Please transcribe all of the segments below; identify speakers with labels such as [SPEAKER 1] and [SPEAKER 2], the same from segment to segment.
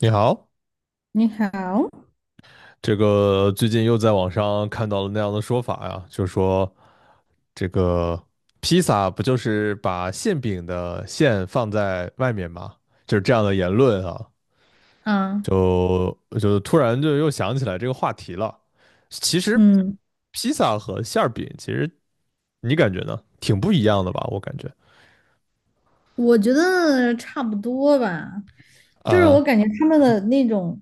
[SPEAKER 1] 你好，
[SPEAKER 2] 你好。
[SPEAKER 1] 这个最近又在网上看到了那样的说法呀，就说这个披萨不就是把馅饼的馅放在外面吗？就是这样的言论啊，
[SPEAKER 2] 啊，
[SPEAKER 1] 就就突然就又想起来这个话题了。其实
[SPEAKER 2] 嗯，
[SPEAKER 1] 披萨和馅儿饼，其实你感觉呢，挺不一样的吧？我感觉
[SPEAKER 2] 我觉得差不多吧。就是我
[SPEAKER 1] 啊，
[SPEAKER 2] 感觉他们的那种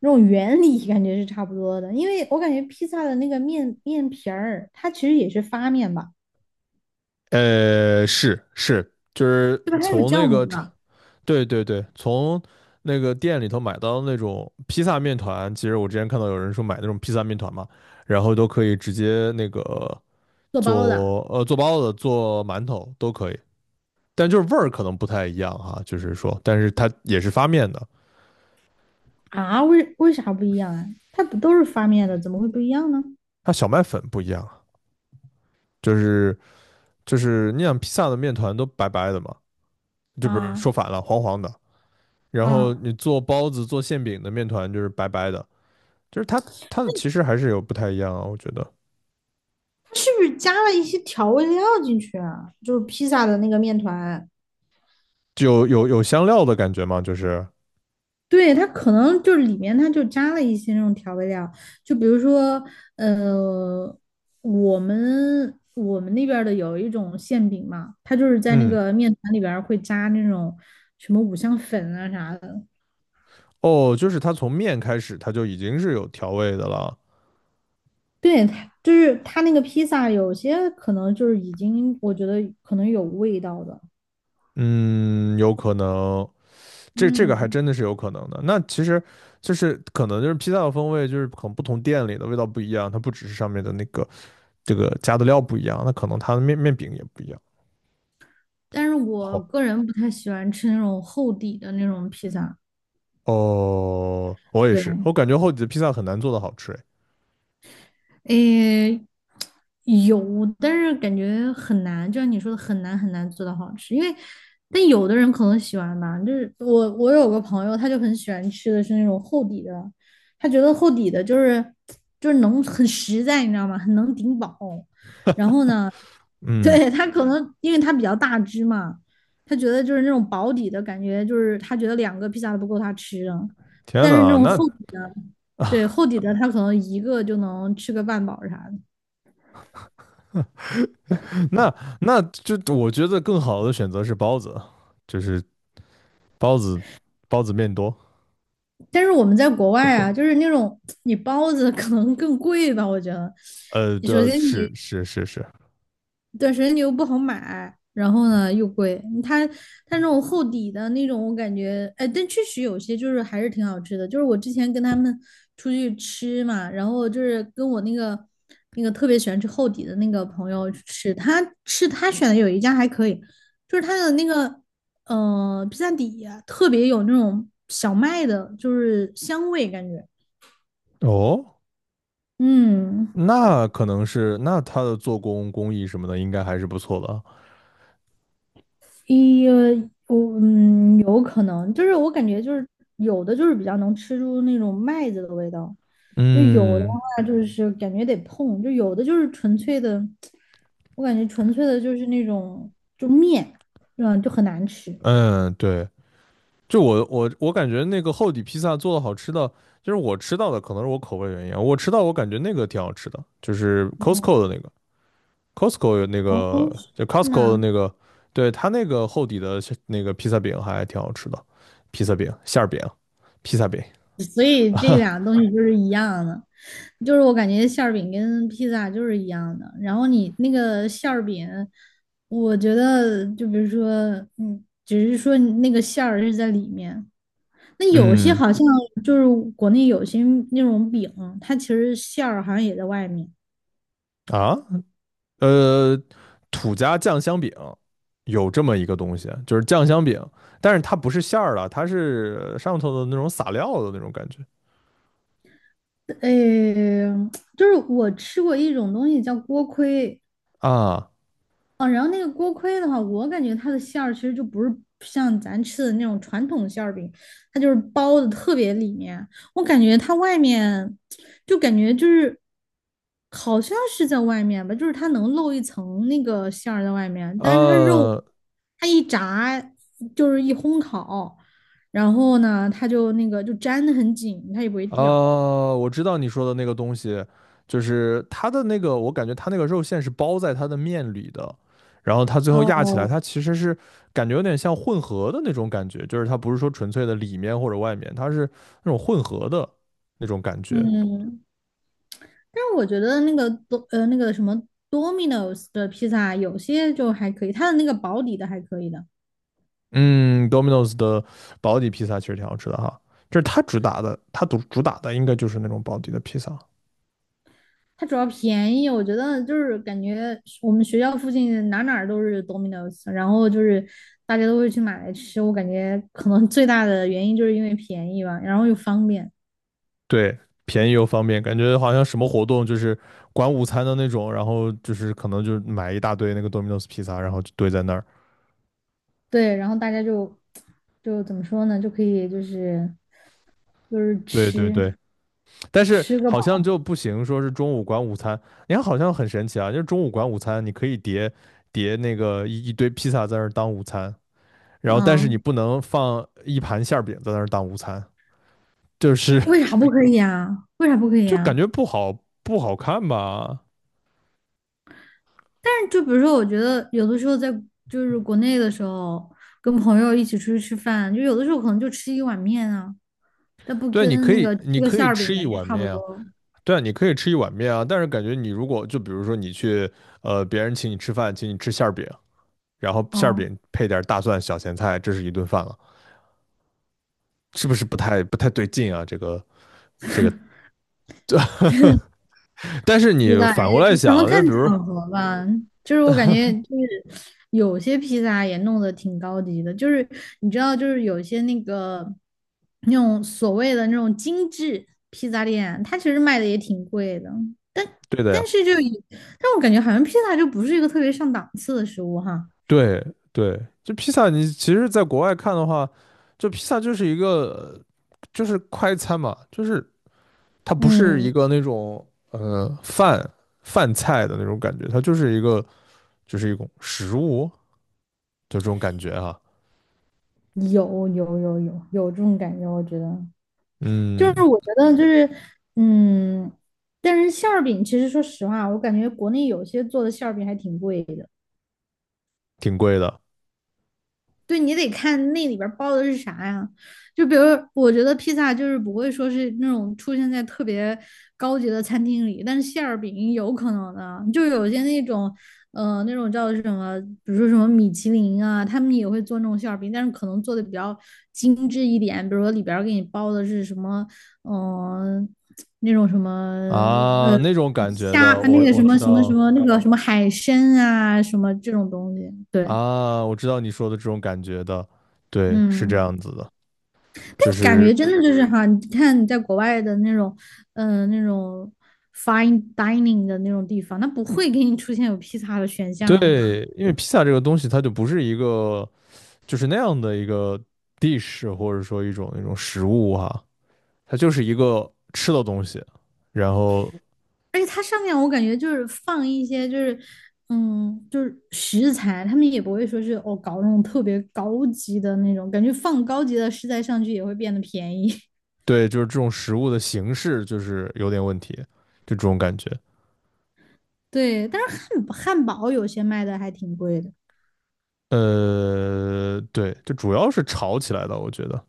[SPEAKER 2] 那种原理感觉是差不多的，因为我感觉披萨的那个面皮儿，它其实也是发面吧，
[SPEAKER 1] 是，就是
[SPEAKER 2] 对吧？它有
[SPEAKER 1] 从那
[SPEAKER 2] 酵
[SPEAKER 1] 个
[SPEAKER 2] 母
[SPEAKER 1] 厂，
[SPEAKER 2] 的，
[SPEAKER 1] 对，从那个店里头买到那种披萨面团，其实我之前看到有人说买那种披萨面团嘛，然后都可以直接那个
[SPEAKER 2] 做包的。
[SPEAKER 1] 做做包子、做馒头都可以，但就是味儿可能不太一样哈，就是说，但是它也是发面的，
[SPEAKER 2] 啊，为啥不一样啊？它不都是发面的，怎么会不一样呢？
[SPEAKER 1] 它小麦粉不一样啊，就是就是你想披萨的面团都白白的嘛，这不是
[SPEAKER 2] 啊
[SPEAKER 1] 说反了，黄黄的，然后
[SPEAKER 2] 啊，
[SPEAKER 1] 你做包子、做馅饼的面团就是白白的。就是它它的其实还是有不太一样啊，我觉得
[SPEAKER 2] 它是不是加了一些调味料进去啊？就是披萨的那个面团。
[SPEAKER 1] 就有香料的感觉嘛，就是
[SPEAKER 2] 对，它可能就是里面它就加了一些那种调味料。就比如说，呃，我们那边儿的有一种馅饼嘛，它就是在那
[SPEAKER 1] 嗯，
[SPEAKER 2] 个面团里边儿会加那种什么五香粉啊啥的。
[SPEAKER 1] 哦，就是它从面开始它就已经是有调味的了，
[SPEAKER 2] 对，它就是它那个披萨有些可能就是已经我觉得可能有味道的。
[SPEAKER 1] 嗯，有可能这个还
[SPEAKER 2] 嗯，
[SPEAKER 1] 真的是有可能的。那其实就是可能就是披萨的风味就是可能不同店里的味道不一样，它不只是上面的那个这个加的料不一样，那可能它的面饼也不一样。
[SPEAKER 2] 但是我
[SPEAKER 1] 好，
[SPEAKER 2] 个人不太喜欢吃那种厚底的那种披萨。
[SPEAKER 1] 哦，我也是，
[SPEAKER 2] 对。
[SPEAKER 1] 我感觉后脊的披萨很难做的好吃诶。
[SPEAKER 2] 诶，有，但是感觉很难，就像你说的，很难很难做到好吃。因为，但有的人可能喜欢吧，就是我有个朋友，他就很喜欢吃的是那种厚底的。他觉得厚底的就是能很实在，你知道吗？很能顶饱。然后呢，
[SPEAKER 1] 嗯，
[SPEAKER 2] 对，他可能因为他比较大只嘛，他觉得就是那种薄底的感觉，就是他觉得两个披萨都不够他吃的，
[SPEAKER 1] 天
[SPEAKER 2] 但是那
[SPEAKER 1] 呐，
[SPEAKER 2] 种
[SPEAKER 1] 那
[SPEAKER 2] 厚底的，对，厚底的他可能一个就能吃个半饱啥的。
[SPEAKER 1] 那就我觉得更好的选择是包子，就是包子，包子面多。
[SPEAKER 2] 但是我们在国外啊，就是那种你包子可能更贵吧，我觉得。
[SPEAKER 1] 对，
[SPEAKER 2] 首先
[SPEAKER 1] 是
[SPEAKER 2] 你
[SPEAKER 1] 是是是
[SPEAKER 2] 对，神牛又不好买，然后呢又贵。它那种厚底的那种，我感觉，哎，但确实有些就是还是挺好吃的。就是我之前跟他们出去吃嘛，然后就是跟我那个特别喜欢吃厚底的那个朋友去吃，他吃他选的有一家还可以，就是他的那个披萨底啊特别有那种小麦的，就是香味感觉。
[SPEAKER 1] 哦，
[SPEAKER 2] 嗯，
[SPEAKER 1] 那可能是那它的做工工艺什么的应该还是不错的。
[SPEAKER 2] 一，我有可能，就是我感觉就是有的就是比较能吃出那种麦子的味道，就有的
[SPEAKER 1] 嗯，
[SPEAKER 2] 话就是感觉得碰，就有的就是纯粹的，我感觉纯粹的就是那种就面，就很难吃。
[SPEAKER 1] 嗯，对，就我感觉那个厚底披萨做的好吃的，就是我吃到的可能是我口味原因啊，我吃到我感觉那个挺好吃的，就是
[SPEAKER 2] 嗯，
[SPEAKER 1] Costco 的那个。Costco 有那
[SPEAKER 2] 哦，
[SPEAKER 1] 个，
[SPEAKER 2] 是
[SPEAKER 1] 就 Costco
[SPEAKER 2] 吗？
[SPEAKER 1] 的那个，对，它那个厚底的是那个披萨饼还挺好吃的，披萨饼、馅儿饼、披萨饼。
[SPEAKER 2] 所以这两个东西就是一样的，就是我感觉馅儿饼跟披萨就是一样的。然后你那个馅儿饼，我觉得就比如说，只是说你那个馅儿是在里面。那有些
[SPEAKER 1] 嗯，
[SPEAKER 2] 好像就是国内有些那种饼，它其实馅儿好像也在外面。
[SPEAKER 1] 啊，呃，土家酱香饼有这么一个东西，就是酱香饼，但是它不是馅儿的，它是上头的那种撒料的那种感觉。
[SPEAKER 2] 呃，就是我吃过一种东西叫锅盔。
[SPEAKER 1] 啊，
[SPEAKER 2] 哦，然后那个锅盔的话，我感觉它的馅儿其实就不是像咱吃的那种传统馅儿饼，它就是包的特别里面。我感觉它外面就感觉就是好像是在外面吧，就是它能露一层那个馅儿在外面，但是它肉
[SPEAKER 1] 呃，
[SPEAKER 2] 它一炸就是一烘烤，然后呢，它就那个就粘得很紧，它也不会掉。
[SPEAKER 1] 哦，我知道你说的那个东西，就是它的那个，我感觉它那个肉馅是包在它的面里的，然后它最后压起来，它其实是感觉有点像混合的那种感觉，就是它不是说纯粹的里面或者外面，它是那种混合的那种感觉。
[SPEAKER 2] 嗯，但是我觉得那个多呃那个什么 Domino's 的披萨有些就还可以，它的那个保底的还可以的。
[SPEAKER 1] 嗯，Domino's 的保底披萨其实挺好吃的哈，就是它主打的，它主打的应该就是那种保底的披萨。
[SPEAKER 2] 它主要便宜，我觉得就是感觉我们学校附近哪儿都是 Domino's,然后就是大家都会去买来吃，我感觉可能最大的原因就是因为便宜吧，然后又方便。
[SPEAKER 1] 对，便宜又方便，感觉好像什么活动就是管午餐的那种，然后就是可能就买一大堆那个 Domino's 披萨，然后就堆在那儿。
[SPEAKER 2] 对，然后大家就怎么说呢，就可以就是
[SPEAKER 1] 对对
[SPEAKER 2] 吃
[SPEAKER 1] 对，但是
[SPEAKER 2] 吃个
[SPEAKER 1] 好像
[SPEAKER 2] 饱。
[SPEAKER 1] 就不行，说是中午管午餐，你看好像很神奇啊，就是中午管午餐，你可以叠那个一堆披萨在那儿当午餐，然后但是你
[SPEAKER 2] 嗯，
[SPEAKER 1] 不能放一盘馅儿饼在那儿当午餐，就是
[SPEAKER 2] 为 啥不可以啊？为啥不可以
[SPEAKER 1] 就感
[SPEAKER 2] 啊？
[SPEAKER 1] 觉不好看吧？
[SPEAKER 2] 但是就比如说，我觉得有的时候在就是国内的时候，跟朋友一起出去吃饭，就有的时候可能就吃一碗面啊，但不
[SPEAKER 1] 对，你
[SPEAKER 2] 跟
[SPEAKER 1] 可
[SPEAKER 2] 那
[SPEAKER 1] 以
[SPEAKER 2] 个
[SPEAKER 1] 你
[SPEAKER 2] 吃个
[SPEAKER 1] 可
[SPEAKER 2] 馅
[SPEAKER 1] 以
[SPEAKER 2] 儿
[SPEAKER 1] 吃
[SPEAKER 2] 饼
[SPEAKER 1] 一
[SPEAKER 2] 感觉
[SPEAKER 1] 碗
[SPEAKER 2] 差不
[SPEAKER 1] 面啊。
[SPEAKER 2] 多。
[SPEAKER 1] 对啊，你可以吃一碗面啊，但是感觉你如果就比如说你去别人请你吃饭，请你吃馅儿饼，然后馅儿
[SPEAKER 2] 哦、
[SPEAKER 1] 饼配点大蒜、小咸菜，这是一顿饭了，是不是不太对劲啊？这个，但是
[SPEAKER 2] 披
[SPEAKER 1] 你
[SPEAKER 2] 萨，道哎，
[SPEAKER 1] 反过来
[SPEAKER 2] 可能
[SPEAKER 1] 想，就
[SPEAKER 2] 看
[SPEAKER 1] 比如
[SPEAKER 2] 场合吧。就是我感觉，就是有些披萨也弄得挺高级的，就是你知道，就是有些那个那种所谓的那种精致披萨店，它其实卖的也挺贵的，但
[SPEAKER 1] 对的呀，
[SPEAKER 2] 但是就以，但我感觉好像披萨就不是一个特别上档次的食物哈。
[SPEAKER 1] 对对，就披萨，你其实在国外看的话，就披萨就是一个就是快餐嘛，就是它不是一
[SPEAKER 2] 嗯，
[SPEAKER 1] 个那种呃饭饭菜的那种感觉，它就是一个就是一种食物，就这种感觉哈，啊，
[SPEAKER 2] 有这种感觉，我觉得。就是
[SPEAKER 1] 嗯，
[SPEAKER 2] 我觉得就是，嗯，但是馅儿饼其实说实话，我感觉国内有些做的馅儿饼还挺贵的。
[SPEAKER 1] 挺贵的
[SPEAKER 2] 对你得看那里边儿包的是啥呀。就比如，我觉得披萨就是不会说是那种出现在特别高级的餐厅里，但是馅儿饼有可能的，就有些那种，那种叫什么，比如说什么米其林啊，他们也会做那种馅儿饼，但是可能做的比较精致一点，比如说里边儿给你包的是什么，嗯、呃那种什么，
[SPEAKER 1] 啊，
[SPEAKER 2] 呃，
[SPEAKER 1] 那种感觉
[SPEAKER 2] 虾，
[SPEAKER 1] 的，
[SPEAKER 2] 那
[SPEAKER 1] 我
[SPEAKER 2] 个什
[SPEAKER 1] 我知
[SPEAKER 2] 么什么什
[SPEAKER 1] 道，
[SPEAKER 2] 么那个什么海参啊，什么这种东西，对，
[SPEAKER 1] 啊，我知道你说的这种感觉的，对，是这
[SPEAKER 2] 嗯。
[SPEAKER 1] 样子的，
[SPEAKER 2] 但
[SPEAKER 1] 就
[SPEAKER 2] 感
[SPEAKER 1] 是
[SPEAKER 2] 觉真的就是哈，你看你在国外的那种，那种 fine dining 的那种地方，它不会给你出现有披萨的选项啊。
[SPEAKER 1] 对，因为披萨这个东西，它就不是一个就是那样的一个 dish，或者说一种那种食物哈，它就是一个吃的东西，然后
[SPEAKER 2] 而且它上面我感觉就是放一些就是，就是食材，他们也不会说是哦搞那种特别高级的那种，感觉放高级的食材上去也会变得便宜。
[SPEAKER 1] 对，就是这种食物的形式就是有点问题，就这种感觉，
[SPEAKER 2] 对，但是汉堡有些卖的还挺贵的。
[SPEAKER 1] 对，就主要是炒起来的，我觉得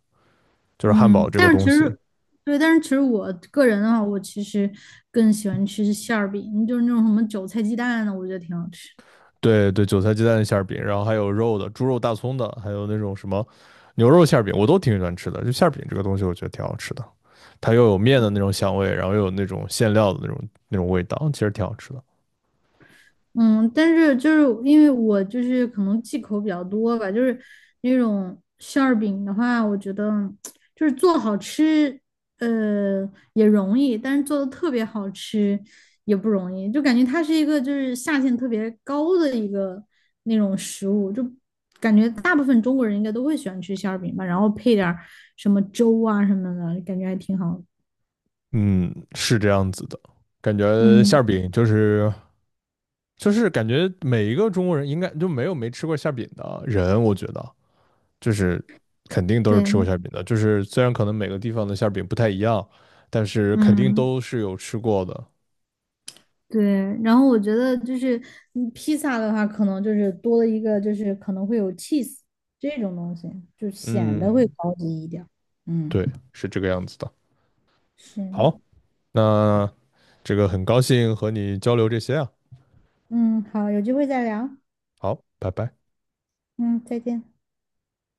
[SPEAKER 1] 就是汉堡
[SPEAKER 2] 嗯，
[SPEAKER 1] 这个
[SPEAKER 2] 但是其
[SPEAKER 1] 东西。
[SPEAKER 2] 实，对，但是其实我个人的话，我其实更喜欢吃馅儿饼，就是那种什么韭菜鸡蛋的，我觉得挺好吃。
[SPEAKER 1] 对对，韭菜鸡蛋馅儿饼，然后还有肉的，猪肉大葱的，还有那种什么牛肉馅儿饼，我都挺喜欢吃的。就馅儿饼这个东西，我觉得挺好吃的，它又有面的那种香味，然后又有那种馅料的那种味道，其实挺好吃的。
[SPEAKER 2] 嗯，但是就是因为我就是可能忌口比较多吧，就是那种馅儿饼的话，我觉得就是做好吃，也容易，但是做的特别好吃也不容易，就感觉它是一个就是下限特别高的一个那种食物，就感觉大部分中国人应该都会喜欢吃馅儿饼吧，然后配点儿什么粥啊什么的，感觉还挺好的。
[SPEAKER 1] 嗯，是这样子的，感觉馅
[SPEAKER 2] 嗯，
[SPEAKER 1] 儿饼就是感觉每一个中国人应该就没有没吃过馅儿饼的人，我觉得就是肯定都是吃过
[SPEAKER 2] 对，
[SPEAKER 1] 馅儿饼的，就是虽然可能每个地方的馅儿饼不太一样，但是肯定
[SPEAKER 2] 嗯。
[SPEAKER 1] 都是有吃过的。
[SPEAKER 2] 对，然后我觉得就是披萨的话，可能就是多了一个，就是可能会有 cheese 这种东西，就显得会
[SPEAKER 1] 嗯。
[SPEAKER 2] 高级一点儿。嗯，
[SPEAKER 1] 对，是这个样子的。
[SPEAKER 2] 是，
[SPEAKER 1] 好，那这个很高兴和你交流这些啊，
[SPEAKER 2] 嗯，好，有机会再聊。
[SPEAKER 1] 好，拜拜。
[SPEAKER 2] 嗯，再见。